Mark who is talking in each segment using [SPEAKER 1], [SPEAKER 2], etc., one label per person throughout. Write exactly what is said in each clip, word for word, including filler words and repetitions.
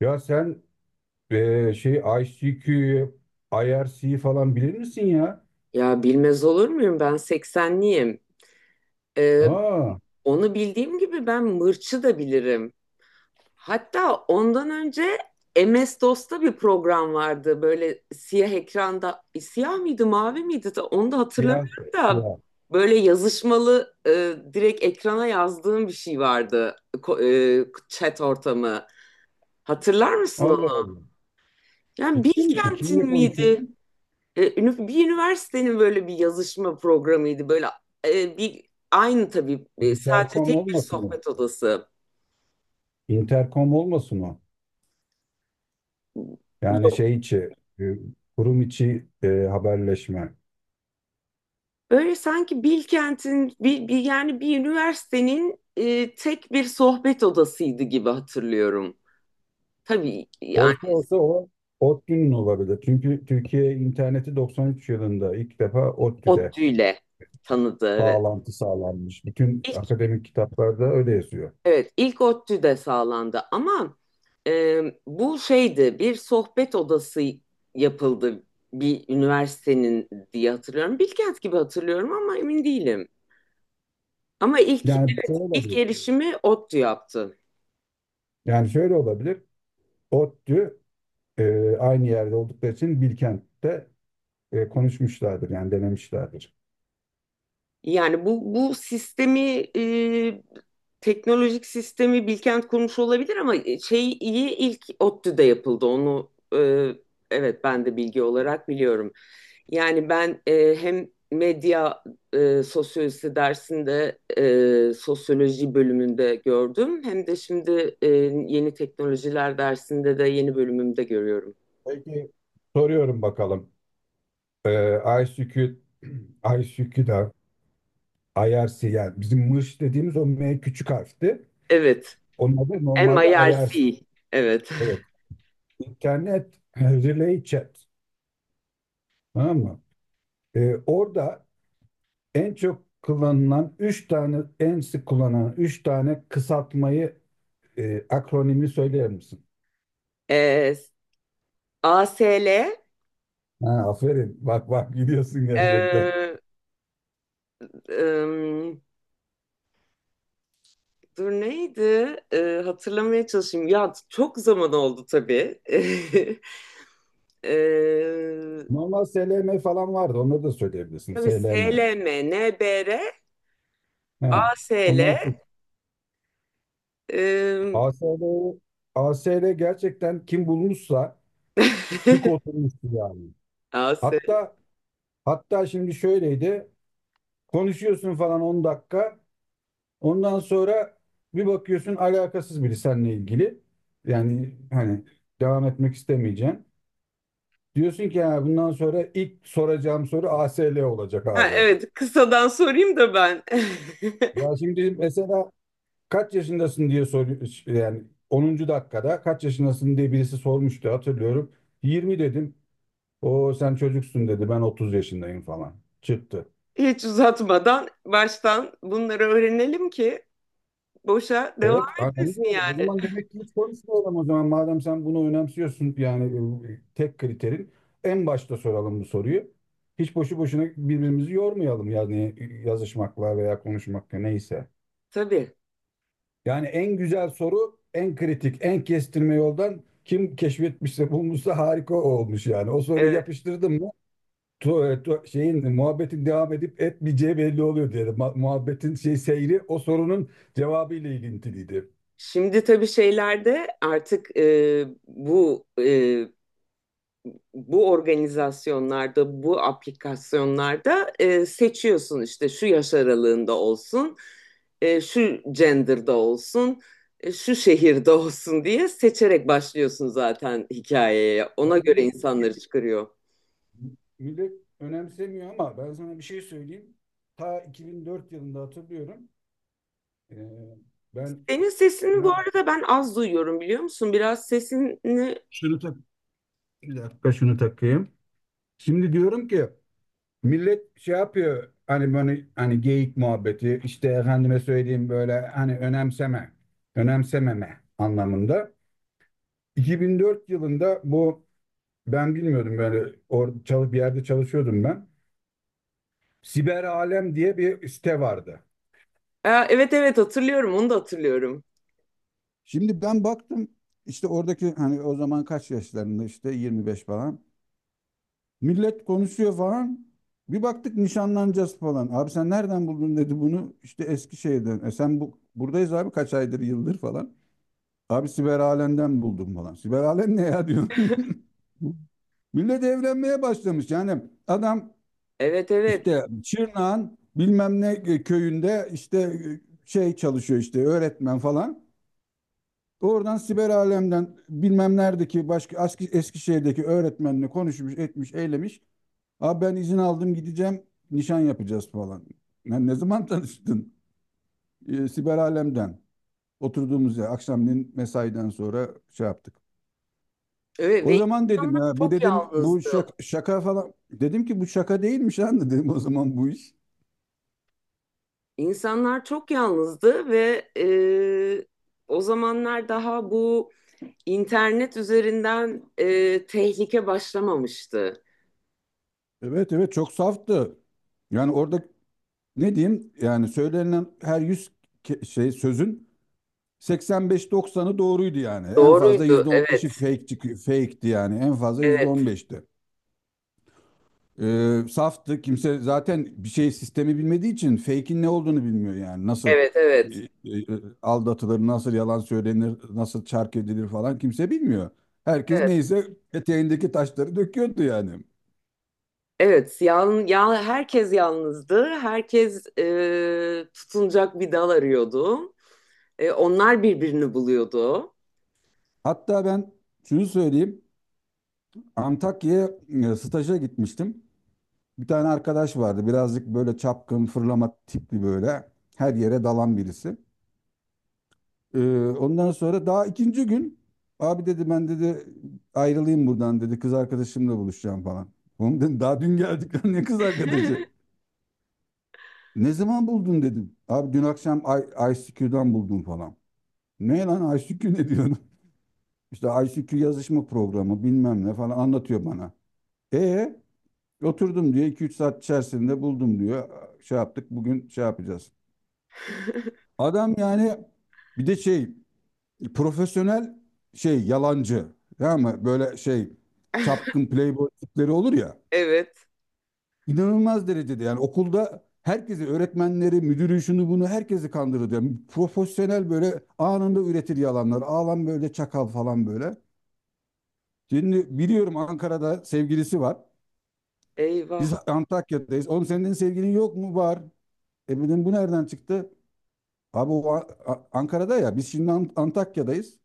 [SPEAKER 1] Ya sen eee, şey I C Q'yu, I R I R C'yi falan bilir misin ya?
[SPEAKER 2] Ya bilmez olur muyum? Ben seksenliyim. Ee,
[SPEAKER 1] Aa,
[SPEAKER 2] Onu bildiğim gibi ben mırçı da bilirim. Hatta ondan önce M S-DOS'ta bir program vardı. Böyle siyah ekranda. E, siyah mıydı, mavi miydi? de Onu da
[SPEAKER 1] ya,
[SPEAKER 2] hatırlamıyorum da.
[SPEAKER 1] ya.
[SPEAKER 2] Böyle yazışmalı, e, direkt ekrana yazdığım bir şey vardı. Ko- e, chat ortamı. Hatırlar mısın onu?
[SPEAKER 1] Allah Allah.
[SPEAKER 2] Yani
[SPEAKER 1] Ciddi misin? Kimle
[SPEAKER 2] Bilkent'in miydi?
[SPEAKER 1] konuşuyorsun?
[SPEAKER 2] E, ünif- bir üniversitenin böyle bir yazışma programıydı. Böyle, e, bir aynı tabii, e, sadece
[SPEAKER 1] Intercom
[SPEAKER 2] tek bir
[SPEAKER 1] olmasın mı?
[SPEAKER 2] sohbet odası
[SPEAKER 1] Intercom olmasın o. Yani
[SPEAKER 2] yok.
[SPEAKER 1] şey içi, e, Kurum içi e, haberleşme.
[SPEAKER 2] Böyle sanki Bilkent'in bir, bir yani bir üniversitenin, e, tek bir sohbet odasıydı gibi hatırlıyorum. Tabii yani
[SPEAKER 1] Olsa olsa o ODTÜ'nün olabilir. Çünkü Türkiye interneti doksan üç yılında ilk defa ODTÜ'de
[SPEAKER 2] ODTÜ ile tanıdı evet.
[SPEAKER 1] bağlantı sağlanmış. Bütün
[SPEAKER 2] İlk
[SPEAKER 1] akademik kitaplarda öyle yazıyor.
[SPEAKER 2] Evet, ilk ODTÜ de sağlandı ama, e, bu şeydi bir sohbet odası yapıldı bir üniversitenin diye hatırlıyorum. Bilkent gibi hatırlıyorum ama emin değilim. Ama ilk
[SPEAKER 1] Yani
[SPEAKER 2] evet,
[SPEAKER 1] şöyle
[SPEAKER 2] ilk
[SPEAKER 1] olabilir.
[SPEAKER 2] erişimi ODTÜ yaptı.
[SPEAKER 1] Yani şöyle olabilir. ODTÜ e, aynı yerde oldukları için Bilkent'te e, konuşmuşlardır yani denemişlerdir.
[SPEAKER 2] Yani bu bu sistemi, e, teknolojik sistemi Bilkent kurmuş olabilir ama şey iyi ilk ODTÜ'de yapıldı onu, e, evet ben de bilgi olarak biliyorum. Yani ben, e, hem medya, e, sosyolojisi dersinde, e, sosyoloji bölümünde gördüm hem de şimdi, e, yeni teknolojiler dersinde de yeni bölümümde görüyorum.
[SPEAKER 1] Peki soruyorum bakalım. E, I C Q, I C Q'da I R C yani bizim mırş dediğimiz o M küçük harfti.
[SPEAKER 2] Evet,
[SPEAKER 1] Onun adı
[SPEAKER 2] M
[SPEAKER 1] normalde
[SPEAKER 2] I R
[SPEAKER 1] I R C.
[SPEAKER 2] C evet.
[SPEAKER 1] Evet. İnternet Relay Chat. Tamam mı? Ee, orada en çok kullanılan üç tane, en sık kullanılan üç tane kısaltmayı, e, akronimi söyler misin?
[SPEAKER 2] E, A S L,
[SPEAKER 1] Ha, aferin. Bak bak gidiyorsun gerçekten.
[SPEAKER 2] e, Em, dur neydi? E, hatırlamaya çalışayım. Ya çok zaman oldu tabii. E,
[SPEAKER 1] Normal S L M falan vardı. Onları da söyleyebilirsin.
[SPEAKER 2] tabii
[SPEAKER 1] S L M.
[SPEAKER 2] SLM, NBR,
[SPEAKER 1] Ha.
[SPEAKER 2] ASL.
[SPEAKER 1] Onlar sık.
[SPEAKER 2] em,
[SPEAKER 1] ASL, A S L gerçekten kim bulmuşsa cuk oturmuştu yani.
[SPEAKER 2] AS.
[SPEAKER 1] Hatta hatta şimdi şöyleydi. Konuşuyorsun falan on dakika. Ondan sonra bir bakıyorsun alakasız biri seninle ilgili. Yani hani devam etmek istemeyeceksin. Diyorsun ki ya bundan sonra ilk soracağım soru A S L olacak
[SPEAKER 2] Ha,
[SPEAKER 1] abi.
[SPEAKER 2] evet kısadan sorayım da ben.
[SPEAKER 1] Ya şimdi mesela kaç yaşındasın diye soruyor yani onuncu dakikada kaç yaşındasın diye birisi sormuştu hatırlıyorum. Yirmi dedim. O sen çocuksun dedi ben otuz yaşındayım falan. Çıktı.
[SPEAKER 2] Hiç uzatmadan baştan bunları öğrenelim ki boşa devam
[SPEAKER 1] Evet, hani onu
[SPEAKER 2] etmesin
[SPEAKER 1] diyorum. O
[SPEAKER 2] yani.
[SPEAKER 1] zaman demek ki hiç konuşmayalım o zaman. Madem sen bunu önemsiyorsun yani e, tek kriterin en başta soralım bu soruyu. Hiç boşu boşuna birbirimizi yormayalım yani e, yazışmakla veya konuşmakla neyse.
[SPEAKER 2] Tabii.
[SPEAKER 1] Yani en güzel soru, en kritik, en kestirme yoldan kim keşfetmişse bulmuşsa harika olmuş yani. O soruyu
[SPEAKER 2] Evet.
[SPEAKER 1] yapıştırdım mı tu- tu- şeyin muhabbetin devam edip etmeyeceği belli oluyor diyelim. Ma- Muhabbetin şey seyri o sorunun cevabı ile ilintiliydi.
[SPEAKER 2] Şimdi tabii şeylerde artık, e, bu, e, bu organizasyonlarda, bu aplikasyonlarda, e, seçiyorsun işte şu yaş aralığında olsun, e, şu gender'da olsun, e, şu şehirde olsun diye seçerek başlıyorsun zaten hikayeye.
[SPEAKER 1] Ben
[SPEAKER 2] Ona göre
[SPEAKER 1] sana
[SPEAKER 2] insanları
[SPEAKER 1] bir-
[SPEAKER 2] çıkarıyor.
[SPEAKER 1] Millet önemsemiyor ama ben sana bir şey söyleyeyim. Ta iki bin dört yılında hatırlıyorum. Ee, ben
[SPEAKER 2] Senin sesini bu
[SPEAKER 1] ne
[SPEAKER 2] arada ben az duyuyorum biliyor musun? Biraz sesini...
[SPEAKER 1] Şunu tak, bir dakika şunu takayım. Şimdi diyorum ki millet şey yapıyor hani böyle hani geyik muhabbeti işte efendime söyleyeyim böyle hani önemseme, önemsememe anlamında. iki bin dört yılında bu ben bilmiyordum böyle or çalıp bir yerde çalışıyordum ben. Siber Alem diye bir site vardı.
[SPEAKER 2] Aa, evet, evet, hatırlıyorum, onu da hatırlıyorum.
[SPEAKER 1] Şimdi ben baktım işte oradaki hani o zaman kaç yaşlarında işte yirmi beş falan. Millet konuşuyor falan. Bir baktık nişanlanacağız falan. Abi sen nereden buldun dedi bunu. İşte Eskişehir'den. E sen bu buradayız abi kaç aydır yıldır falan. Abi Siber Alem'den buldum falan. Siber Alem ne ya diyorum. Millet evlenmeye başlamış. Yani adam
[SPEAKER 2] Evet, evet.
[SPEAKER 1] işte Çırnak'ın bilmem ne köyünde işte şey çalışıyor işte öğretmen falan. Oradan Siber Alem'den bilmem neredeki başka eski Eskişehir'deki öğretmenle konuşmuş, etmiş, eylemiş. Abi ben izin aldım gideceğim nişan yapacağız falan. Ben ne zaman tanıştın? Ee, siber alemden. Oturduğumuz yer akşamleyin mesaiden sonra şey yaptık.
[SPEAKER 2] Evet
[SPEAKER 1] O
[SPEAKER 2] ve
[SPEAKER 1] zaman dedim
[SPEAKER 2] insanlar
[SPEAKER 1] ya bu
[SPEAKER 2] çok
[SPEAKER 1] dedim bu
[SPEAKER 2] yalnızdı.
[SPEAKER 1] şaka, şaka falan. Dedim ki bu şaka değilmiş anne dedim o zaman bu iş.
[SPEAKER 2] İnsanlar çok yalnızdı ve, e, o zamanlar daha bu internet üzerinden, e, tehlike başlamamıştı.
[SPEAKER 1] Evet evet çok saftı. Yani orada ne diyeyim yani söylenen her yüz ke- şey sözün seksen beş doksanı doğruydu yani. En fazla
[SPEAKER 2] Doğruydu.
[SPEAKER 1] yüzde on beşi
[SPEAKER 2] Evet,
[SPEAKER 1] fake çıkıyor. Fake'ti yani en fazla
[SPEAKER 2] evet,
[SPEAKER 1] yüzde on beşti. Ee, saftı. Kimse zaten bir şey sistemi bilmediği için fake'in ne olduğunu bilmiyor yani. Nasıl
[SPEAKER 2] evet,
[SPEAKER 1] e,
[SPEAKER 2] evet,
[SPEAKER 1] e, aldatılır, nasıl yalan söylenir, nasıl çark edilir falan kimse bilmiyor. Herkes
[SPEAKER 2] evet,
[SPEAKER 1] neyse eteğindeki taşları döküyordu yani.
[SPEAKER 2] evet. Yal, ya, herkes yalnızdı. Herkes, e, tutunacak bir dal arıyordu. E, onlar birbirini buluyordu.
[SPEAKER 1] Hatta ben şunu söyleyeyim. Antakya'ya e, staja gitmiştim. Bir tane arkadaş vardı. Birazcık böyle çapkın, fırlama tipli böyle. Her yere dalan birisi. Ee, Ondan sonra daha ikinci gün abi dedi ben dedi ayrılayım buradan dedi kız arkadaşımla buluşacağım falan. Oğlum dedim daha dün geldik lan ne kız arkadaşı? Ne zaman buldun dedim. Abi dün akşam I- ICQ'dan buldum falan. Ne lan I C Q ne diyorsun? İşte I C Q yazışma programı bilmem ne falan anlatıyor bana. E oturdum diyor iki üç saat içerisinde buldum diyor. Şey yaptık bugün şey yapacağız. Adam yani bir de şey profesyonel şey yalancı. Tamam mı? Böyle şey çapkın playboy tipleri olur ya.
[SPEAKER 2] Evet.
[SPEAKER 1] İnanılmaz derecede yani okulda herkesi öğretmenleri, müdürü şunu bunu herkesi kandırır. Yani profesyonel böyle anında üretir yalanlar. Ağlan böyle çakal falan böyle. Şimdi biliyorum Ankara'da sevgilisi var.
[SPEAKER 2] Eyvah,
[SPEAKER 1] Biz Antakya'dayız. Oğlum senin sevgilin yok mu? Var. E dedim bu nereden çıktı? Abi o A- A- Ankara'da ya biz şimdi Ant- Antakya'dayız.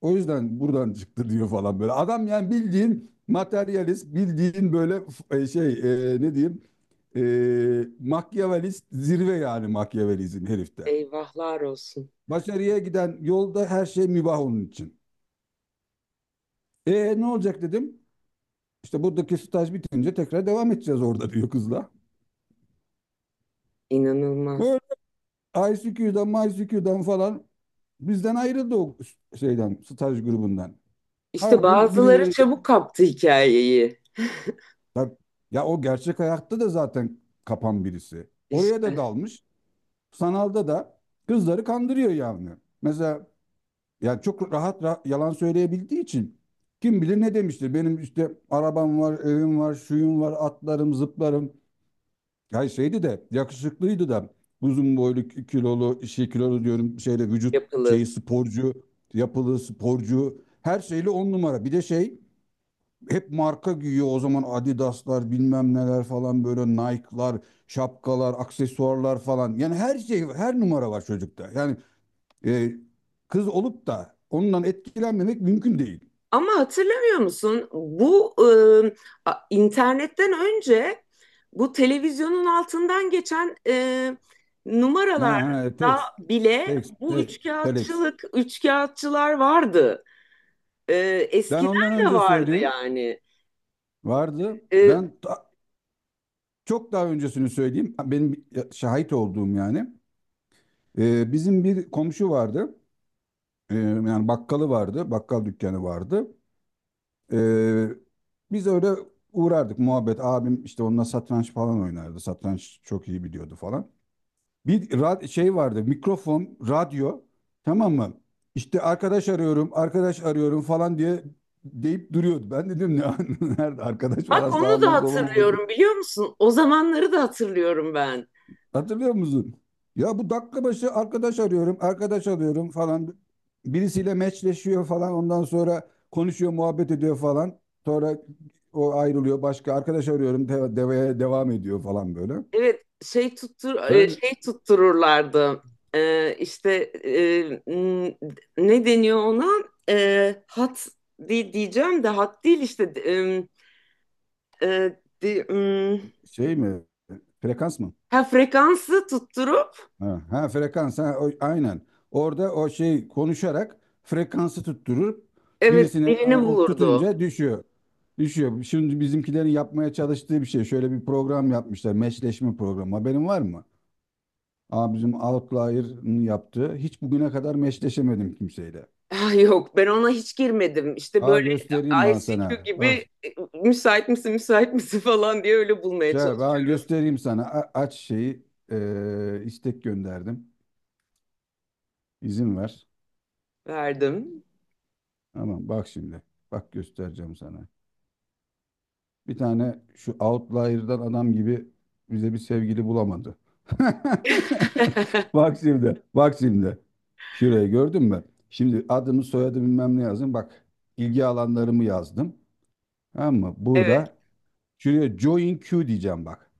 [SPEAKER 1] O yüzden buradan çıktı diyor falan böyle. Adam yani bildiğin materyalist, bildiğin böyle f- e, şey e, ne diyeyim e, Makyavelist zirve yani Makyavelizm herifte.
[SPEAKER 2] eyvahlar olsun.
[SPEAKER 1] Başarıya giden yolda her şey mübah onun için. E ne olacak dedim. İşte buradaki staj bitince tekrar devam edeceğiz orada diyor kızla.
[SPEAKER 2] İnanılmaz.
[SPEAKER 1] Böyle I C Q'dan, May C Q'dan'dan falan bizden ayrıldı o şeyden, staj grubundan. Her
[SPEAKER 2] İşte
[SPEAKER 1] gün
[SPEAKER 2] bazıları
[SPEAKER 1] birileri
[SPEAKER 2] çabuk kaptı hikayeyi.
[SPEAKER 1] bak, ya o gerçek hayatta da zaten kapan birisi. Oraya da
[SPEAKER 2] İşte
[SPEAKER 1] dalmış. Sanalda da kızları kandırıyor yani. Mesela ya çok rahat, ra- yalan söyleyebildiği için kim bilir ne demiştir. Benim işte arabam var, evim var, şuyum var, atlarım, zıplarım. Ya şeydi de yakışıklıydı da uzun boylu, k- kilolu, şey kilolu diyorum şeyle vücut
[SPEAKER 2] yapılı.
[SPEAKER 1] şeyi sporcu, yapılı sporcu her şeyle on numara. Bir de şey hep marka güyüyor o zaman Adidas'lar bilmem neler falan böyle Nike'lar, şapkalar, aksesuarlar falan. Yani her şey her numara var çocukta. Yani e, kız olup da ondan etkilenmemek mümkün değil.
[SPEAKER 2] Ama hatırlamıyor musun? Bu, e, a- internetten önce bu televizyonun altından geçen, e,
[SPEAKER 1] Ne
[SPEAKER 2] numaralarda
[SPEAKER 1] Tex,
[SPEAKER 2] bile
[SPEAKER 1] Tex,
[SPEAKER 2] bu
[SPEAKER 1] te, Telex.
[SPEAKER 2] üçkağıtçılık, üçkağıtçılar vardı. E,
[SPEAKER 1] Ben ondan
[SPEAKER 2] Eskiden de
[SPEAKER 1] önce
[SPEAKER 2] vardı
[SPEAKER 1] söyleyeyim.
[SPEAKER 2] yani.
[SPEAKER 1] Vardı.
[SPEAKER 2] E,
[SPEAKER 1] Ben ta- çok daha öncesini söyleyeyim. Benim şahit olduğum yani. E, bizim bir komşu vardı. E, yani bakkalı vardı. Bakkal dükkanı vardı. Ee, Biz öyle uğrardık muhabbet. Abim işte onunla satranç falan oynardı. Satranç çok iyi biliyordu falan. Bir ra- şey Vardı mikrofon, radyo, tamam mı? İşte arkadaş arıyorum, arkadaş arıyorum falan diye deyip duruyordu. Ben dedim ne nerede arkadaş falan
[SPEAKER 2] Bak onu da
[SPEAKER 1] sağıma soluma
[SPEAKER 2] hatırlıyorum
[SPEAKER 1] bak.
[SPEAKER 2] biliyor musun? O zamanları da hatırlıyorum ben.
[SPEAKER 1] Hatırlıyor musun? Ya bu dakika başı arkadaş arıyorum, arkadaş alıyorum falan. Birisiyle meçleşiyor falan. Ondan sonra konuşuyor, muhabbet ediyor falan. Sonra o ayrılıyor. Başka arkadaş arıyorum, de- deveye devam ediyor falan böyle.
[SPEAKER 2] Evet şey tuttur e,
[SPEAKER 1] Ben
[SPEAKER 2] şey tuttururlardı. E, işte e, n- ne deniyor ona? E, hat, di- diyeceğim de hat değil işte, e, e, di- m,
[SPEAKER 1] şey mi? Frekans mı?
[SPEAKER 2] ha frekansı tutturup
[SPEAKER 1] Ha, ha frekans ha, o- aynen. Orada o şey konuşarak frekansı tutturup
[SPEAKER 2] evet
[SPEAKER 1] birisine e,
[SPEAKER 2] birini
[SPEAKER 1] o
[SPEAKER 2] bulurdu.
[SPEAKER 1] tutunca düşüyor. Düşüyor. Şimdi bizimkilerin yapmaya çalıştığı bir şey. Şöyle bir program yapmışlar. Meşleşme programı. Haberin var mı? Aa, bizim Outlier'ın yaptığı. Hiç bugüne kadar meşleşemedim kimseyle.
[SPEAKER 2] Ah, yok ben ona hiç girmedim. İşte böyle
[SPEAKER 1] Aa göstereyim ben
[SPEAKER 2] I C Q
[SPEAKER 1] sana. Bak
[SPEAKER 2] gibi, e, müsait misin müsait misin falan diye öyle bulmaya
[SPEAKER 1] şey, ben
[SPEAKER 2] çalışıyoruz.
[SPEAKER 1] göstereyim sana. A- aç şeyi. e, istek gönderdim. İzin ver.
[SPEAKER 2] Verdim.
[SPEAKER 1] Tamam bak şimdi. Bak göstereceğim sana. Bir tane şu outlier'dan adam gibi bize bir sevgili bulamadı. Bak şimdi, bak şimdi. Şurayı gördün mü? Şimdi adımı, soyadı bilmem ne yazdım. Bak ilgi alanlarımı yazdım. Tamam mı?
[SPEAKER 2] Evet,
[SPEAKER 1] Burada şuraya join queue diyeceğim bak.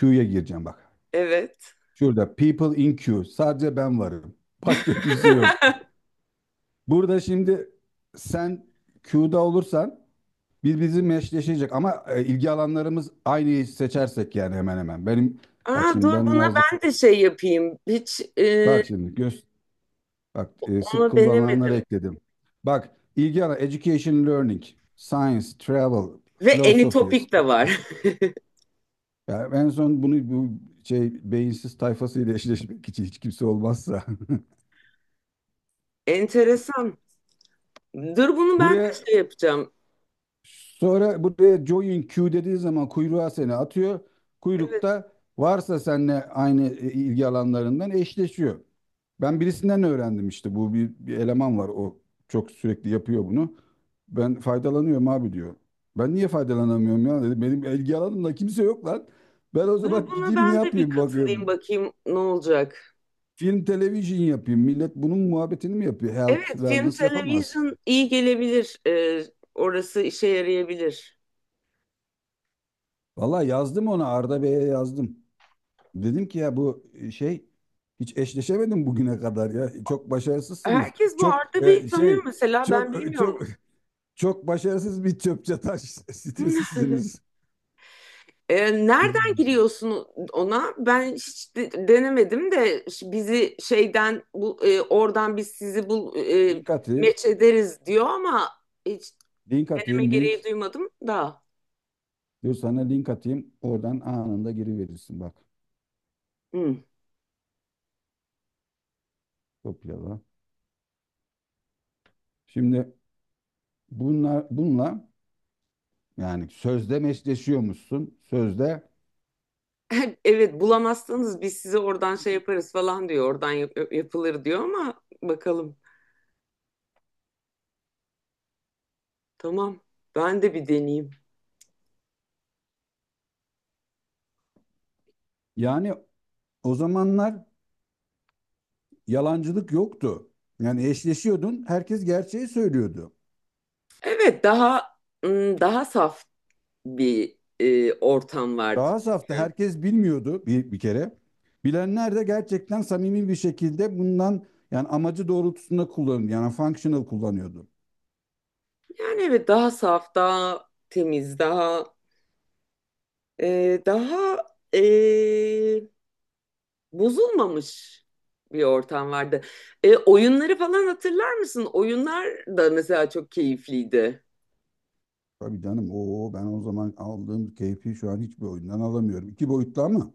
[SPEAKER 1] Queue'ya gireceğim bak.
[SPEAKER 2] evet.
[SPEAKER 1] Şurada people in queue. Sadece ben varım. Başka kimse yok. Burada şimdi sen queue'da olursan birbirimizin eşleşecek ama e, ilgi alanlarımız aynı seçersek yani hemen hemen. Benim bak
[SPEAKER 2] Aa,
[SPEAKER 1] şimdi
[SPEAKER 2] dur
[SPEAKER 1] ben
[SPEAKER 2] buna
[SPEAKER 1] yazdık.
[SPEAKER 2] ben de şey yapayım. Hiç, e,
[SPEAKER 1] Bak şimdi göz Bak e, sık
[SPEAKER 2] onu
[SPEAKER 1] kullanılanları
[SPEAKER 2] denemedim.
[SPEAKER 1] ekledim. Bak ilgi alanı education learning, science, travel,
[SPEAKER 2] Ve
[SPEAKER 1] philosophy.
[SPEAKER 2] Anytopic de
[SPEAKER 1] sp-
[SPEAKER 2] var.
[SPEAKER 1] Yani en son bunu bu şey beyinsiz tayfasıyla eşleşmek için hiç kimse olmazsa.
[SPEAKER 2] Enteresan. Dur bunu ben de
[SPEAKER 1] Buraya
[SPEAKER 2] şey yapacağım.
[SPEAKER 1] Sonra buraya join queue dediği zaman kuyruğa seni atıyor.
[SPEAKER 2] Evet.
[SPEAKER 1] Kuyrukta varsa seninle aynı e, ilgi alanlarından eşleşiyor. Ben birisinden öğrendim işte bu bir, bir eleman var o çok sürekli yapıyor bunu. Ben faydalanıyorum abi diyor. Ben niye faydalanamıyorum ya dedi. Benim ilgi alanımda kimse yok lan. Ben o
[SPEAKER 2] Dur
[SPEAKER 1] zaman
[SPEAKER 2] buna
[SPEAKER 1] gideyim ne
[SPEAKER 2] ben de bir
[SPEAKER 1] yapayım
[SPEAKER 2] katılayım
[SPEAKER 1] bakayım.
[SPEAKER 2] bakayım ne olacak.
[SPEAKER 1] Film, televizyon yapayım. Millet bunun muhabbetini mi yapıyor? Health,
[SPEAKER 2] Evet, film
[SPEAKER 1] wellness yapamaz.
[SPEAKER 2] televizyon iyi gelebilir. E, orası işe yarayabilir.
[SPEAKER 1] Vallahi yazdım ona Arda Bey'e yazdım. Dedim ki ya bu e, şey hiç eşleşemedim bugüne kadar ya. Çok başarısızsınız.
[SPEAKER 2] Herkes bu
[SPEAKER 1] Çok
[SPEAKER 2] Arda Bey'i
[SPEAKER 1] e,
[SPEAKER 2] tanıyor,
[SPEAKER 1] şey
[SPEAKER 2] mesela ben
[SPEAKER 1] çok e,
[SPEAKER 2] bilmiyorum.
[SPEAKER 1] çok Çok başarısız bir çöp taş
[SPEAKER 2] Hmm.
[SPEAKER 1] sitesisiniz.
[SPEAKER 2] E, nereden giriyorsun ona? Ben hiç de- denemedim de, ş- bizi şeyden bu, e, oradan biz sizi bul e,
[SPEAKER 1] Link atayım.
[SPEAKER 2] meç ederiz diyor ama hiç
[SPEAKER 1] Link
[SPEAKER 2] deneme
[SPEAKER 1] atayım
[SPEAKER 2] gereği
[SPEAKER 1] link.
[SPEAKER 2] duymadım da.
[SPEAKER 1] Dur sana link atayım. Oradan anında giriverirsin bak.
[SPEAKER 2] Hı.
[SPEAKER 1] Kopyala. Şimdi bunlar bununla yani sözde meşleşiyormuşsun. Sözde
[SPEAKER 2] Evet bulamazsanız biz sizi oradan şey yaparız falan diyor. Oradan yap- yapılır diyor ama bakalım. Tamam. Ben de bir deneyeyim.
[SPEAKER 1] yani o zamanlar yalancılık yoktu. Yani eşleşiyordun. Herkes gerçeği söylüyordu.
[SPEAKER 2] Evet daha, ım, daha saf bir, e, ortam vardı
[SPEAKER 1] Daha safta
[SPEAKER 2] çünkü.
[SPEAKER 1] herkes bilmiyordu bir, bir kere. Bilenler de gerçekten samimi bir şekilde bundan yani amacı doğrultusunda kullanıyordu. Yani functional kullanıyordu.
[SPEAKER 2] Yani evet daha saf, daha temiz, daha Ee, daha ee, bozulmamış bir ortam vardı. Ee, oyunları falan hatırlar mısın? Oyunlar da mesela çok keyifliydi.
[SPEAKER 1] Tabii canım o ben o zaman aldığım keyfi şu an hiçbir oyundan alamıyorum. İki boyutlu ama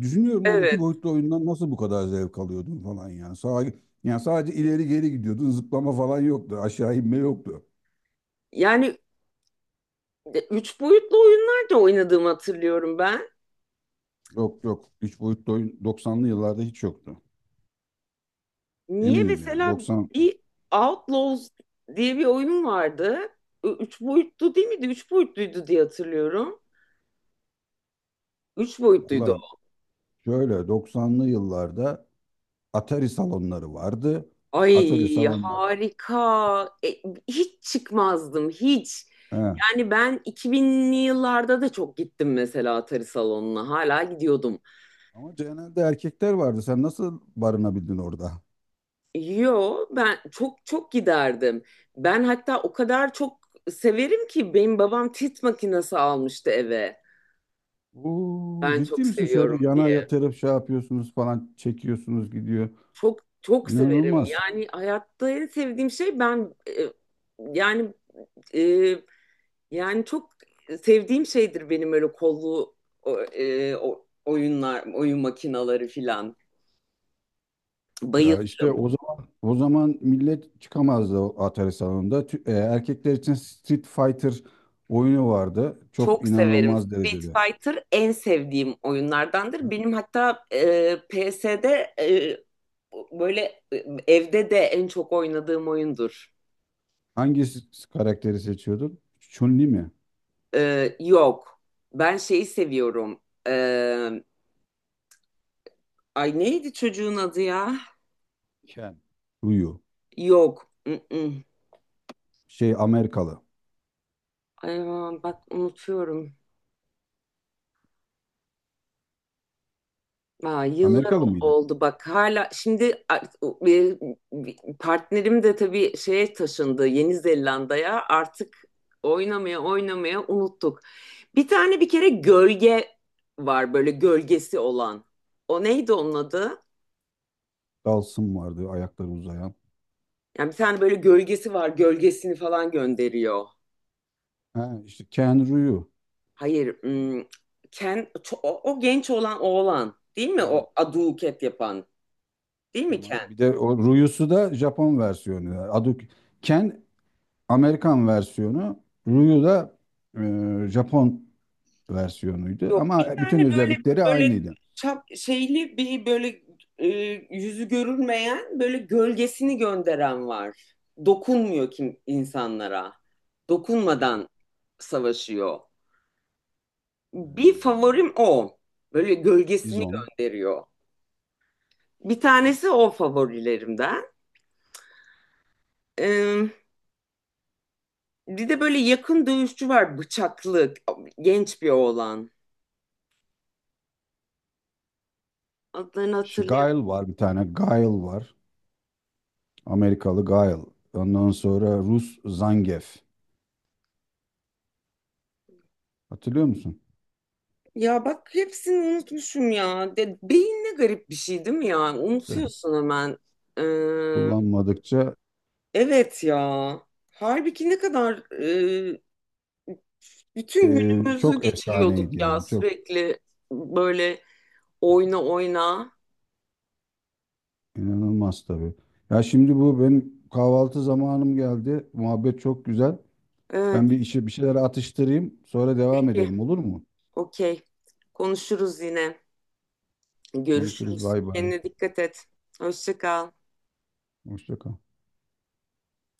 [SPEAKER 1] düşünüyorum lan iki
[SPEAKER 2] Evet.
[SPEAKER 1] boyutlu oyundan nasıl bu kadar zevk alıyordun falan yani. Sağa, yani sadece ileri geri gidiyordun zıplama falan yoktu aşağı inme yoktu.
[SPEAKER 2] Yani, de- üç boyutlu oyunlar da oynadığımı hatırlıyorum ben.
[SPEAKER 1] Yok yok üç boyutlu oyun doksanlı yıllarda hiç yoktu.
[SPEAKER 2] Niye
[SPEAKER 1] Eminim yani
[SPEAKER 2] mesela
[SPEAKER 1] 90
[SPEAKER 2] bir Outlaws diye bir oyun vardı. Ü- Üç boyutlu değil miydi? Üç boyutluydu diye hatırlıyorum. Üç boyutluydu
[SPEAKER 1] Valla
[SPEAKER 2] o.
[SPEAKER 1] şöyle doksanlı yıllarda Atari salonları vardı. Atari
[SPEAKER 2] Ay
[SPEAKER 1] salonları.
[SPEAKER 2] harika. E, hiç çıkmazdım hiç.
[SPEAKER 1] He.
[SPEAKER 2] Yani ben iki binli yıllarda da çok gittim mesela Atari salonuna. Hala gidiyordum.
[SPEAKER 1] Ama genelde erkekler vardı. Sen nasıl barınabildin orada?
[SPEAKER 2] Yo ben çok çok giderdim. Ben hatta o kadar çok severim ki benim babam tit makinesi almıştı eve.
[SPEAKER 1] Oo,
[SPEAKER 2] Ben
[SPEAKER 1] ciddi
[SPEAKER 2] çok
[SPEAKER 1] misin?
[SPEAKER 2] seviyorum
[SPEAKER 1] Şöyle yana
[SPEAKER 2] diye.
[SPEAKER 1] yatırıp şey yapıyorsunuz falan çekiyorsunuz gidiyor.
[SPEAKER 2] Çok çok severim.
[SPEAKER 1] İnanılmaz.
[SPEAKER 2] Yani hayatta en sevdiğim şey ben, e, yani e, yani çok sevdiğim şeydir benim öyle kollu, o, e, o- oyunlar, oyun makinaları filan.
[SPEAKER 1] Ya işte
[SPEAKER 2] Bayılırım.
[SPEAKER 1] o zaman o zaman millet çıkamazdı o Atari salonunda. Tü- e, erkekler için Street Fighter oyunu vardı. Çok
[SPEAKER 2] Çok severim.
[SPEAKER 1] inanılmaz
[SPEAKER 2] Street
[SPEAKER 1] derecede.
[SPEAKER 2] Fighter en sevdiğim oyunlardandır. Benim hatta, e, P S'de, e, böyle e, evde de en çok oynadığım oyundur.
[SPEAKER 1] Hangi s- Karakteri seçiyordun? Chun-Li mi?
[SPEAKER 2] E, yok. Ben şeyi seviyorum. E, Ay neydi çocuğun adı ya?
[SPEAKER 1] Ken. Ryu.
[SPEAKER 2] Yok. Mm-mm.
[SPEAKER 1] Şey Amerikalı.
[SPEAKER 2] Ay, aman bak unutuyorum. Aa, yıllar
[SPEAKER 1] Amerikalı
[SPEAKER 2] o-
[SPEAKER 1] mıydı?
[SPEAKER 2] oldu bak hala şimdi, a- o- partnerim de tabii şeye taşındı Yeni Zelanda'ya artık oynamaya oynamaya unuttuk. Bir tane bir kere gölge var böyle gölgesi olan. O neydi onun adı?
[SPEAKER 1] Dalsın vardı ayakları uzayan.
[SPEAKER 2] Yani bir tane böyle gölgesi var, gölgesini falan gönderiyor.
[SPEAKER 1] Ha, işte Ken Ryu.
[SPEAKER 2] Hayır, hmm, Ken, ço- o, o genç olan oğlan değil mi?
[SPEAKER 1] Hmm,
[SPEAKER 2] O aduket yapan değil mi?
[SPEAKER 1] tamam. Bir de o Ryu'su da Japon versiyonu. Adı Ken Amerikan versiyonu. Ryu da e, Japon versiyonuydu.
[SPEAKER 2] Yok,
[SPEAKER 1] Ama
[SPEAKER 2] bir tane
[SPEAKER 1] bütün
[SPEAKER 2] böyle,
[SPEAKER 1] özellikleri
[SPEAKER 2] böyle
[SPEAKER 1] aynıydı.
[SPEAKER 2] çap şeyli bir böyle, e, yüzü görünmeyen böyle gölgesini gönderen var. Dokunmuyor kim insanlara. Dokunmadan savaşıyor.
[SPEAKER 1] E,
[SPEAKER 2] Bir favorim o. Böyle gölgesini
[SPEAKER 1] Bison.
[SPEAKER 2] gönderiyor. Bir tanesi o favorilerimden. Ee, Bir de böyle yakın dövüşçü var, bıçaklı genç bir oğlan. Adlarını
[SPEAKER 1] Shi-
[SPEAKER 2] hatırlayamıyorum.
[SPEAKER 1] Guile var bir tane. Guile var. Amerikalı Guile. Ondan sonra Rus Zangief. Hatırlıyor musun?
[SPEAKER 2] Ya bak hepsini unutmuşum ya. De, beyin ne garip bir şey değil mi ya?
[SPEAKER 1] İşte
[SPEAKER 2] Unutuyorsun hemen. Ee,
[SPEAKER 1] kullanmadıkça
[SPEAKER 2] evet ya. Halbuki ne kadar, e, bütün
[SPEAKER 1] e,
[SPEAKER 2] günümüzü
[SPEAKER 1] çok efsaneydi
[SPEAKER 2] geçiriyorduk ya
[SPEAKER 1] yani. Çok
[SPEAKER 2] sürekli böyle oyna oyna.
[SPEAKER 1] inanılmaz tabii. Ya şimdi bu benim kahvaltı zamanım geldi. Muhabbet çok güzel.
[SPEAKER 2] Evet,
[SPEAKER 1] Ben bir işe bir şeyler atıştırayım. Sonra devam
[SPEAKER 2] peki,
[SPEAKER 1] edelim olur mu?
[SPEAKER 2] okey. Konuşuruz yine.
[SPEAKER 1] Konuşuruz.
[SPEAKER 2] Görüşürüz.
[SPEAKER 1] Bay bay.
[SPEAKER 2] Kendine dikkat et. Hoşça kal.
[SPEAKER 1] Hoşça kal.